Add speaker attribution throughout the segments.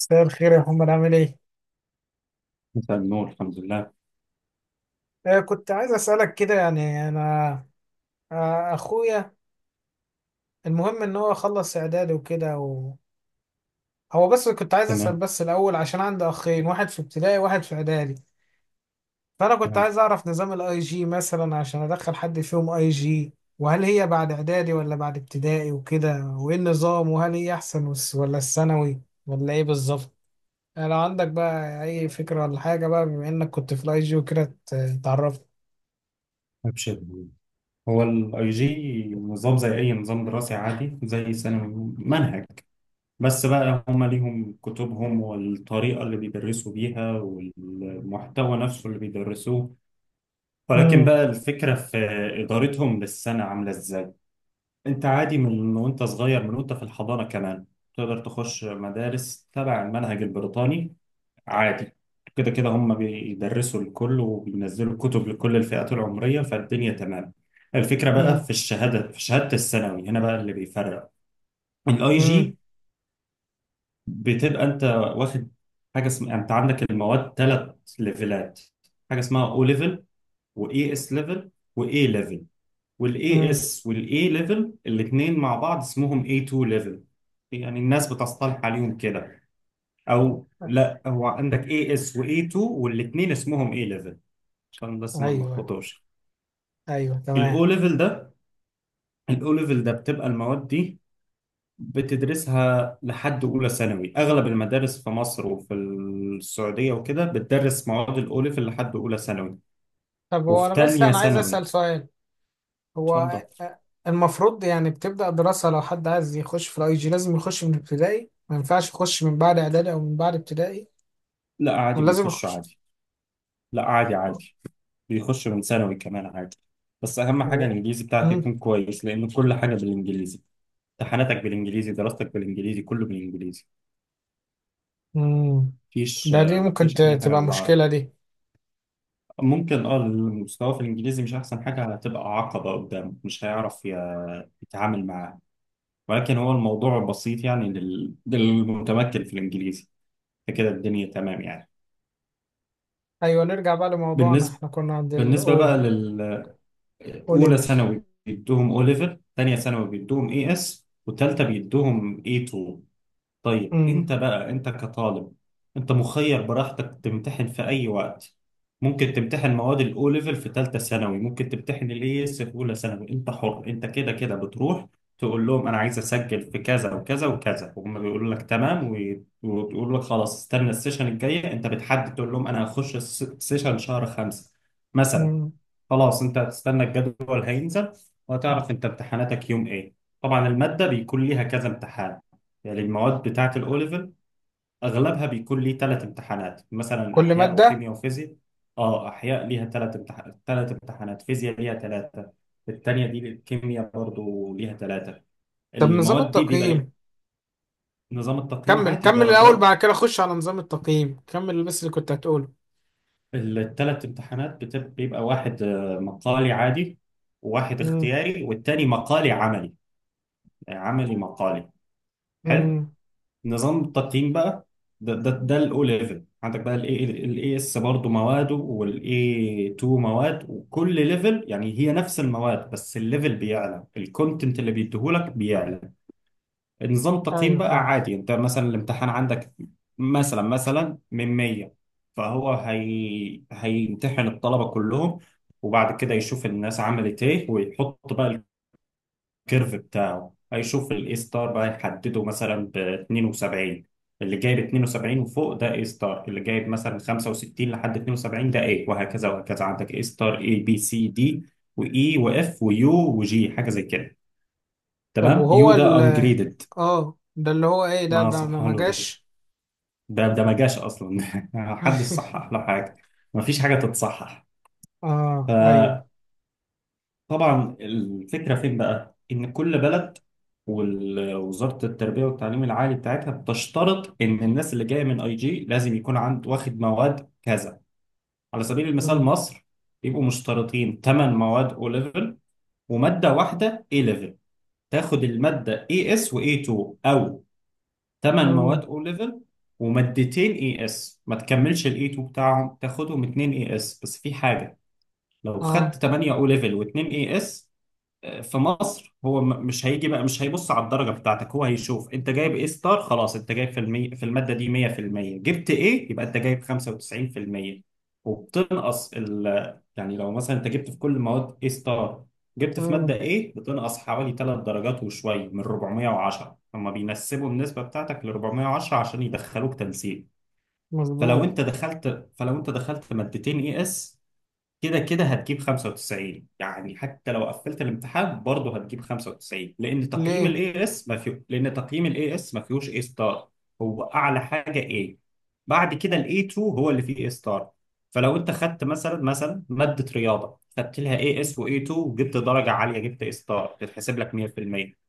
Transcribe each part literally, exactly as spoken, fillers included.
Speaker 1: مساء الخير يا محمد، عامل ايه؟
Speaker 2: مساء النور. الحمد لله.
Speaker 1: آه كنت عايز اسألك كده، يعني انا آه اخويا، المهم ان هو خلص اعدادي وكده و... هو بس كنت عايز اسأل
Speaker 2: تمام.
Speaker 1: بس الاول، عشان عندي اخين، واحد في ابتدائي وواحد في اعدادي. فانا كنت
Speaker 2: تمام.
Speaker 1: عايز اعرف نظام الاي جي مثلا، عشان ادخل حد فيهم اي جي، وهل هي بعد اعدادي ولا بعد ابتدائي وكده، وايه النظام، وهل هي احسن والس- ولا الثانوي، ولا ايه بالظبط؟ آه، لو عندك بقى اي فكرة ولا حاجة، بقى بما انك كنت في الاي جي وكده ت- تعرفني.
Speaker 2: ابشر. هو الاي جي نظام زي اي نظام دراسي عادي زي ثانوي منهج. بس بقى هما ليهم كتبهم والطريقة اللي بيدرسوا بيها والمحتوى نفسه اللي بيدرسوه، ولكن بقى الفكرة في إدارتهم للسنة عاملة إزاي. أنت عادي من وأنت صغير، من وأنت في الحضانة كمان تقدر تخش مدارس تبع المنهج البريطاني عادي. كده كده هم بيدرسوا لكل وبينزلوا كتب لكل الفئات العمرية، فالدنيا تمام. الفكرة بقى
Speaker 1: امم.
Speaker 2: في الشهادة، في شهادة الثانوي هنا بقى اللي بيفرق الاي
Speaker 1: امم.
Speaker 2: جي. بتبقى انت واخد حاجة اسمها، انت عندك المواد ثلاث ليفلات، حاجة اسمها او ليفل، واي اس ليفل، واي ليفل، والاي
Speaker 1: امم.
Speaker 2: اس والاي ليفل الاثنين مع بعض اسمهم اي اتنين ليفل، يعني الناس بتصطلح عليهم كده، او لا هو عندك اي اس واي اتنين والاثنين اسمهم اي ليفل، عشان بس ما
Speaker 1: ايوه،
Speaker 2: نلخبطوش.
Speaker 1: ايوه، تمام.
Speaker 2: الاو ليفل ده، الاو ليفل ده بتبقى المواد دي بتدرسها لحد اولى ثانوي، اغلب المدارس في مصر وفي السعوديه وكده بتدرس مواد الاو ليفل لحد اولى ثانوي
Speaker 1: طب، هو
Speaker 2: وفي
Speaker 1: انا بس
Speaker 2: تانية
Speaker 1: انا عايز
Speaker 2: ثانوي.
Speaker 1: اسال سؤال. هو
Speaker 2: اتفضل.
Speaker 1: المفروض يعني بتبدا دراسه، لو حد عايز يخش في الاي جي لازم يخش من ابتدائي؟ ما ينفعش يخش من بعد اعدادي او من بعد ابتدائي؟
Speaker 2: لا عادي
Speaker 1: ولازم
Speaker 2: بيخش
Speaker 1: يخش
Speaker 2: عادي. لا عادي عادي. بيخش من ثانوي كمان عادي، بس اهم حاجه
Speaker 1: و-
Speaker 2: الانجليزي بتاعك
Speaker 1: امم.
Speaker 2: يكون كويس لان كل حاجه بالانجليزي. امتحاناتك بالانجليزي، دراستك بالانجليزي، كله بالانجليزي.
Speaker 1: امم.
Speaker 2: مفيش.
Speaker 1: ده دي ممكن
Speaker 2: مفيش
Speaker 1: ت-
Speaker 2: اي حاجه
Speaker 1: تبقى
Speaker 2: بالعربي.
Speaker 1: مشكله دي.
Speaker 2: ممكن اه، المستوى في الانجليزي مش احسن حاجه، هتبقى عقبه قدامه مش هيعرف ي- يتعامل معاه، ولكن هو الموضوع بسيط يعني لل- للمتمكن في الانجليزي، فكده الدنيا تمام يعني.
Speaker 1: ايوه، نرجع بقى لموضوعنا،
Speaker 2: بالنسبه
Speaker 1: احنا كنا عند
Speaker 2: بالنسبه بقى
Speaker 1: الاو او
Speaker 2: للاولى
Speaker 1: ليفل.
Speaker 2: ثانوي بيدوهم او ليفل، ثانيه ثانوي بيدوهم اي اس، وثالثه بيدوهم اي اتنين. طيب
Speaker 1: امم.
Speaker 2: انت بقى، انت كطالب، انت مخير براحتك تمتحن في اي وقت. ممكن تمتحن مواد الاو ليفل في ثالثه ثانوي، ممكن تمتحن الاي اس في اولى ثانوي، انت حر. انت كده كده بتروح تقول لهم انا عايز اسجل في كذا وكذا وكذا، وهم بيقولوا لك تمام، وي- ويقولوا لك خلاص استنى السيشن الجايه، انت بتحدد. تقول لهم انا هخش الس- سيشن شهر خمسه مثلا،
Speaker 1: امم.
Speaker 2: خلاص انت هتستنى الجدول هينزل وهتعرف انت امتحاناتك يوم ايه. طبعا المادة بيكون ليها كذا امتحان، يعني المواد بتاعة الاوليفل اغلبها بيكون ليه ثلاث امتحانات، مثلا
Speaker 1: كل
Speaker 2: احياء
Speaker 1: ماده.
Speaker 2: وكيمياء وفيزياء. اه احياء ليها ثلاث امتحانات، ثلاث امتحانات فيزياء ليها ثلاثة، التانية دي الكيمياء برضو ليها ثلاثة.
Speaker 1: طب، نظام
Speaker 2: المواد دي بيبقى ليه
Speaker 1: التقييم.
Speaker 2: نظام التقييم
Speaker 1: كمل
Speaker 2: عادي
Speaker 1: كمل الأول،
Speaker 2: درجات.
Speaker 1: بعد كده خش على نظام التقييم، كمل بس اللي كنت هتقوله.
Speaker 2: الثلاث امتحانات بتبقى بيبقى واحد آه، مقالي عادي، وواحد
Speaker 1: امم.
Speaker 2: اختياري، والتاني مقالي عملي، يعني عملي مقالي. حلو.
Speaker 1: امم.
Speaker 2: نظام التقييم بقى، ده ده ده الاو ليفل، عندك بقى الاي الاي اس برضه مواده، والاي اتنين مواد، وكل ليفل يعني هي نفس المواد بس الليفل بيعلى، الكونتنت اللي بيديهولك بيعلى. النظام التقييم
Speaker 1: أيوه،
Speaker 2: بقى
Speaker 1: فاهم.
Speaker 2: عادي، انت مثلا الامتحان عندك مثلا مثلا من مية، فهو هي هيمتحن الطلبه كلهم، وبعد كده يشوف الناس عملت ايه ويحط بقى الكيرف بتاعه. هيشوف الاي ستار بقى يحدده مثلا ب اتنين وسبعين، اللي جايب اتنين وسبعين وفوق ده اي ستار، اللي جايب مثلا خمسة وستين لحد اتنين وسبعين ده ايه، وهكذا وهكذا عندك اي ستار، اي بي سي دي، واي واف ويو وجي، حاجه زي كده.
Speaker 1: طب
Speaker 2: تمام،
Speaker 1: وهو
Speaker 2: يو ده
Speaker 1: ال
Speaker 2: انجريدد.
Speaker 1: اه، ده اللي هو ايه؟ ده
Speaker 2: ما
Speaker 1: ده ما ما
Speaker 2: صحلوش.
Speaker 1: جاش.
Speaker 2: ده ده ما جاش اصلا محدش صحح له حاجه. مفيش حاجه تتصحح.
Speaker 1: اه، ايوه.
Speaker 2: طبعا الفكرة فين بقى؟ إن كل بلد ووزارة التربية والتعليم العالي بتاعتها بتشترط إن الناس اللي جاية من أي جي لازم يكون عند واخد مواد كذا، على سبيل المثال
Speaker 1: امم.
Speaker 2: مصر بيبقوا مشترطين ثماني مواد أو ليفل ومادة واحدة A ليفل، تاخد المادة ايه اس و ايه تو، أو ثماني مواد
Speaker 1: امم.
Speaker 2: أو ليفل ومادتين ايه اس، ما تكملش ال ايه اتنين بتاعهم، تاخدهم اتنين ايه اس. بس في حاجة، لو خدت
Speaker 1: اه.
Speaker 2: تمن أو ليفل و2 ايه اس في مصر هو م- مش هيجي بقى، مش هيبص على الدرجة بتاعتك، هو هيشوف انت جايب ايه ستار خلاص. انت جايب في المي... في المادة دي مية في المية، جبت ايه يبقى انت جايب خمسة وتسعين في المية، وبتنقص ال... يعني لو مثلا انت جبت في كل المواد ايه ستار، جبت في مادة
Speaker 1: امم.
Speaker 2: ايه بتنقص حوالي ثلاث درجات وشوية من اربعمية وعشرة، هما بينسبوا النسبة بتاعتك ل اربعمية وعشرة عشان يدخلوك تنسيق. فلو
Speaker 1: مظبوط.
Speaker 2: انت دخلت فلو انت دخلت مادتين اي اس كده كده هتجيب خمسة وتسعين، يعني حتى لو قفلت الامتحان برضه هتجيب خمسة وتسعين لان تقييم
Speaker 1: ليه؟
Speaker 2: الاي اس ما فيه، لان تقييم الاي اس ما فيهوش اي ستار، هو اعلى حاجه اي، بعد كده الاي اتنين هو اللي فيه اي ستار. فلو انت خدت مثلا مثلا ماده رياضه خدت لها اي اس واي اتنين وجبت درجه عاليه جبت اي ستار، تتحسب لك مية في المية.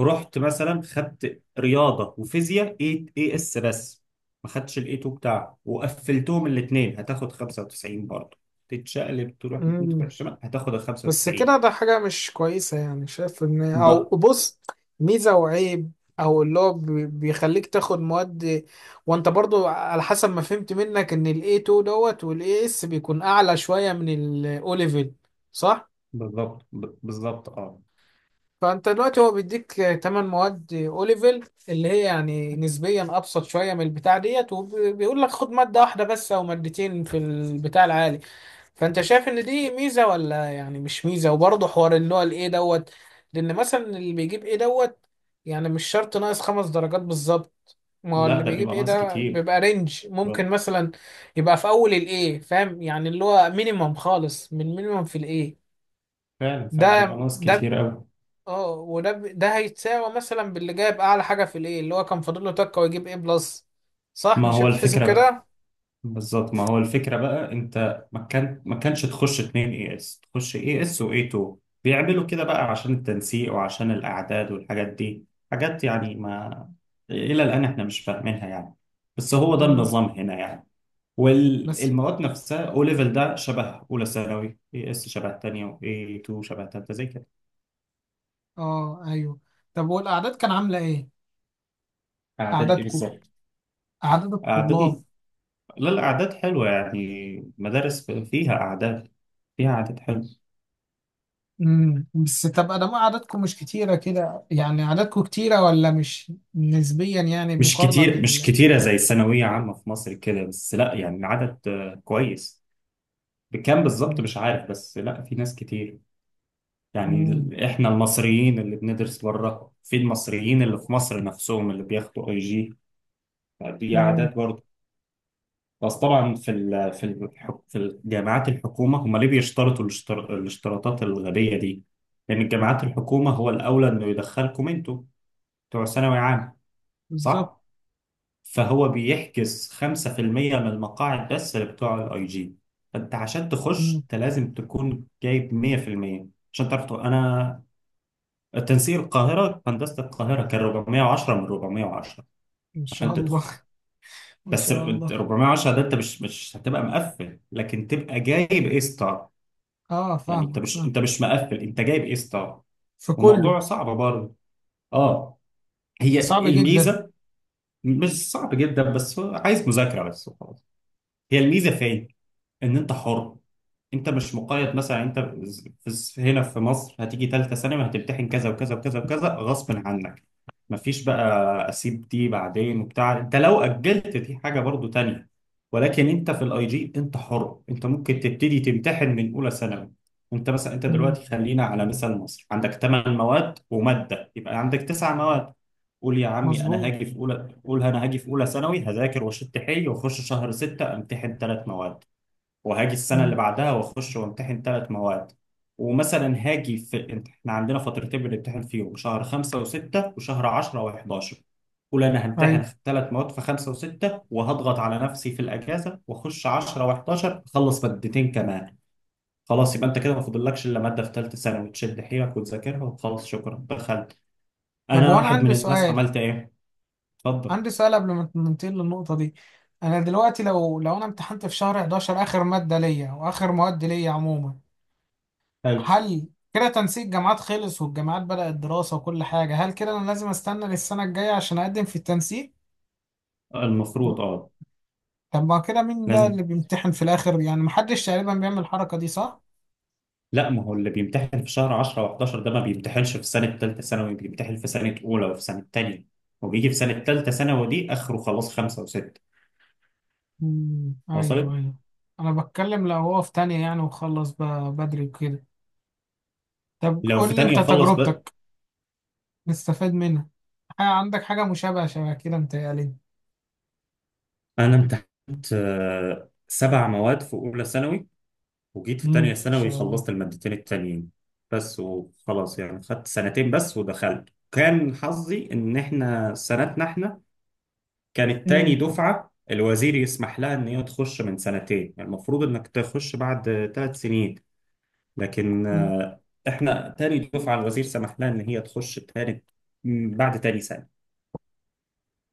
Speaker 2: رحت مثلا خدت رياضه وفيزياء اي اي اس بس، ما خدتش الاي اتنين بتاعها وقفلتهم الاثنين هتاخد خمسة وتسعين برضه. تتشقلب تروح من تروح
Speaker 1: امم.
Speaker 2: الشمال هتاخد ال
Speaker 1: بس
Speaker 2: خمسة وتسعين.
Speaker 1: كده، ده حاجة مش كويسة يعني. شايف ان او
Speaker 2: ما
Speaker 1: بص، ميزة وعيب. او اللي هو بي- بيخليك تاخد مواد، وانت برضو على حسب ما فهمت منك ان الاي اتنين دوت والاي اس بيكون اعلى شوية من الاو ليفل، صح؟
Speaker 2: بالظبط ب- بالظبط، اه.
Speaker 1: فانت دلوقتي هو بيديك تمانية مواد اوليفل، اللي هي يعني نسبيا ابسط شويه من البتاع ديت، وبيقول لك خد ماده واحده بس او مادتين في البتاع العالي. فانت شايف ان دي ميزه ولا يعني مش ميزه؟ وبرضه حوار اللي هو الايه دوت، لان مثلا اللي بيجيب ايه دوت يعني مش شرط ناقص خمس درجات بالظبط. ما هو اللي
Speaker 2: لا ده
Speaker 1: بيجيب
Speaker 2: بيبقى
Speaker 1: ايه
Speaker 2: ناقص
Speaker 1: ده
Speaker 2: كتير.
Speaker 1: بيبقى رينج، ممكن مثلا يبقى في اول الايه فاهم، يعني اللي هو مينيمم خالص، من مينيمم في الايه.
Speaker 2: فعلا فعلا بيبقى
Speaker 1: ده
Speaker 2: ناقص
Speaker 1: ده
Speaker 2: كتير قوي.
Speaker 1: اه، وده ب- ده هيتساوى مثلا باللي جايب اعلى حاجه في الايه، اللي هو كان فاضل له تكه ويجيب ايه بلس، صح؟
Speaker 2: ما
Speaker 1: مش
Speaker 2: هو
Speaker 1: هتتحسب
Speaker 2: الفكره،
Speaker 1: كده.
Speaker 2: بالظبط ما هو الفكرة بقى، انت ما كان ما كانش تخش اتنين اي اس، تخش اي اس واي اتنين. بيعملوا كده بقى عشان التنسيق وعشان الاعداد والحاجات دي، حاجات يعني ما الى الان احنا مش فاهمينها يعني، بس هو ده
Speaker 1: مم.
Speaker 2: النظام هنا يعني.
Speaker 1: بس،
Speaker 2: والمواد نفسها او ليفل ده شبه اولى ثانوي، اي اس شبه تانية، واي اتنين شبه تالتة زي كده.
Speaker 1: اه، ايوه. طب والاعداد كان عامله ايه؟
Speaker 2: اعداد ايه
Speaker 1: اعدادكم؟
Speaker 2: بالظبط؟
Speaker 1: اعداد
Speaker 2: اعداد.
Speaker 1: الطلاب.
Speaker 2: لا الاعداد حلوة يعني، مدارس فيها اعداد، فيها اعداد حلوة.
Speaker 1: امم. بس تبقى ده اعدادكم مش كتيره كده يعني، اعدادكم كتيره ولا مش نسبيا يعني،
Speaker 2: مش
Speaker 1: مقارنه
Speaker 2: كتير، مش
Speaker 1: بال
Speaker 2: كتيرة زي الثانوية عامة في مصر كده، بس لا يعني العدد آه، كويس. بكام بالظبط مش عارف، بس لا في ناس كتير، يعني
Speaker 1: امم.
Speaker 2: ال- احنا المصريين اللي بندرس بره، في المصريين اللي في مصر نفسهم اللي بياخدوا اي جي، دي اعداد
Speaker 1: امم.
Speaker 2: برضه. بس طبعا في ال في ال في الجامعات الحكومة، هم ليه بيشترطوا الاشتر- الاشتراطات الغبية دي؟ لأن الجامعات الحكومة هو الأولى إنه يدخلكم أنتوا بتوع ثانوي عام،
Speaker 1: بالظبط.
Speaker 2: صح؟ فهو بيحجز خمسة في المية من المقاعد بس لبتوع الاي جي. فانت عشان تخش
Speaker 1: امم.
Speaker 2: انت لازم تكون جايب مية في المية عشان تعرف تخ- انا تنسيق القاهره، هندسه القاهره كان اربعمية وعشرة من اربعمية وعشرة
Speaker 1: ان شاء
Speaker 2: عشان
Speaker 1: الله.
Speaker 2: تدخل.
Speaker 1: ما
Speaker 2: بس
Speaker 1: شاء
Speaker 2: أنت
Speaker 1: الله.
Speaker 2: اربعمية وعشرة ده انت مش مش هتبقى مقفل، لكن تبقى جايب اي ستار،
Speaker 1: اه،
Speaker 2: يعني انت
Speaker 1: فاهمك
Speaker 2: مش
Speaker 1: فاهم.
Speaker 2: انت مش مقفل، انت جايب اي ستار.
Speaker 1: في كله.
Speaker 2: الموضوع صعب برضه، اه.
Speaker 1: صعب
Speaker 2: هي
Speaker 1: جدا.
Speaker 2: الميزه. مش صعب جدا بس هو عايز مذاكره بس. هي الميزه في إيه؟ ان انت حر، انت مش مقيد. مثلا انت في هنا في مصر هتيجي ثالثه ثانوي هتمتحن كذا وكذا وكذا وكذا غصب عنك، مفيش بقى اسيب دي بعدين وبتاع، انت لو اجلت دي حاجه برضو تانية. ولكن انت في الاي جي انت حر، انت ممكن تبتدي تمتحن من اولى ثانوي. انت مثلا انت
Speaker 1: امم.
Speaker 2: دلوقتي خلينا على مثال مصر، عندك ثماني مواد وماده يبقى عندك تسعة مواد، قول يا عمي انا
Speaker 1: مظبوط.
Speaker 2: هاجي في اولى، قول انا هاجي في اولى ثانوي هذاكر واشد حيلي واخش شهر ستة امتحن ثلاث مواد، وهاجي السنه اللي
Speaker 1: مم.
Speaker 2: بعدها واخش وامتحن ثلاث مواد. ومثلا هاجي في انت- احنا عندنا فترتين بنمتحن فيهم، شهر خمسة وستة وشهر عشرة وحداشر. قول انا همتحن
Speaker 1: أيوة.
Speaker 2: في الثلاث مواد في خمسة وستة، وهضغط على نفسي في الاجازه واخش عشرة وحداشر اخلص مادتين كمان، خلاص. يبقى انت كده ما فاضلكش الا ماده في ثالثه ثانوي تشد حيلك وتذاكرها، وخلاص شكرا دخلت.
Speaker 1: طب،
Speaker 2: انا
Speaker 1: وأنا
Speaker 2: واحد من
Speaker 1: عندي
Speaker 2: الناس
Speaker 1: سؤال،
Speaker 2: عملت ايه. اتفضل.
Speaker 1: عندي سؤال قبل ما ننتقل للنقطة دي. أنا دلوقتي لو لو أنا امتحنت في شهر احد عشر آخر مادة ليا وآخر مواد ليا عموما،
Speaker 2: حلو.
Speaker 1: هل كده تنسيق جامعات خلص والجامعات بدأت دراسة وكل حاجة؟ هل كده أنا لازم أستنى للسنة الجاية عشان أقدم في التنسيق؟ و-
Speaker 2: المفروض اه.
Speaker 1: طب، ما كده مين ده
Speaker 2: لازم.
Speaker 1: اللي بيمتحن في الآخر؟ يعني محدش تقريبا بيعمل الحركة دي، صح؟
Speaker 2: لا ما هو اللي بيمتحن في شهر عشرة و11 ده ما بيمتحنش في سنة تالتة ثانوي، بيمتحن في سنة أولى وفي سنة تانية، وبيجي في سنة تالتة ثانوي دي آخره خلاص، خمسة وستة.
Speaker 1: مم. أيوه،
Speaker 2: وصلت.
Speaker 1: أيوه. أنا بتكلم لو هو في تانية يعني وخلص بقى بدري وكده. طب
Speaker 2: لو في
Speaker 1: قول لي
Speaker 2: تانية
Speaker 1: أنت
Speaker 2: وخلص بقى.
Speaker 1: تجربتك نستفاد منها. آه، عندك حاجة مشابهة شبه كده متهيألي.
Speaker 2: أنا امتحنت آه، سبع مواد في أولى ثانوي، وجيت في
Speaker 1: امم.
Speaker 2: تانية
Speaker 1: إن
Speaker 2: ثانوي
Speaker 1: شاء الله.
Speaker 2: خلصت المادتين التانيين بس، وخلاص يعني خدت سنتين بس ودخلت. كان حظي إن إحنا سنتنا، إحنا كانت تاني
Speaker 1: امم.
Speaker 2: دفعة الوزير يسمح لها إن هي تخش من سنتين، يعني المفروض إنك تخش بعد ثلاث سنين، لكن
Speaker 1: أمم.
Speaker 2: آه، إحنا تاني دفعة الوزير سمح لها إن هي تخش تاني م، بعد تاني سنة،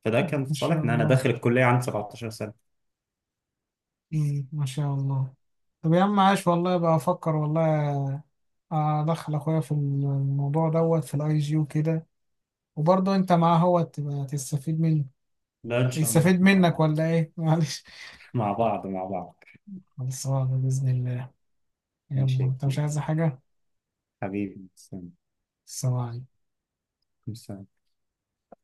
Speaker 2: فده كان في
Speaker 1: إن شاء
Speaker 2: صالحنا. أنا داخل
Speaker 1: الله.
Speaker 2: الكلية عندي سبعة عشر سنة.
Speaker 1: امم. ما شاء الله. طب يا عم، عاش والله، بقى أفكر والله أدخل أخويا في الموضوع دوت في الأي جي وكده، وبرضه أنت معاه، هو تبقى تستفيد منه،
Speaker 2: لا إن شاء الله
Speaker 1: يستفيد
Speaker 2: إحنا مع
Speaker 1: منك
Speaker 2: بعض
Speaker 1: ولا إيه؟ معلش.
Speaker 2: مع بعض مع بعض.
Speaker 1: خلصانة بإذن الله.
Speaker 2: ماشي
Speaker 1: يلا،
Speaker 2: يا
Speaker 1: أنت مش
Speaker 2: كبير.
Speaker 1: عايز حاجة؟
Speaker 2: حبيبي سلام.
Speaker 1: سلام.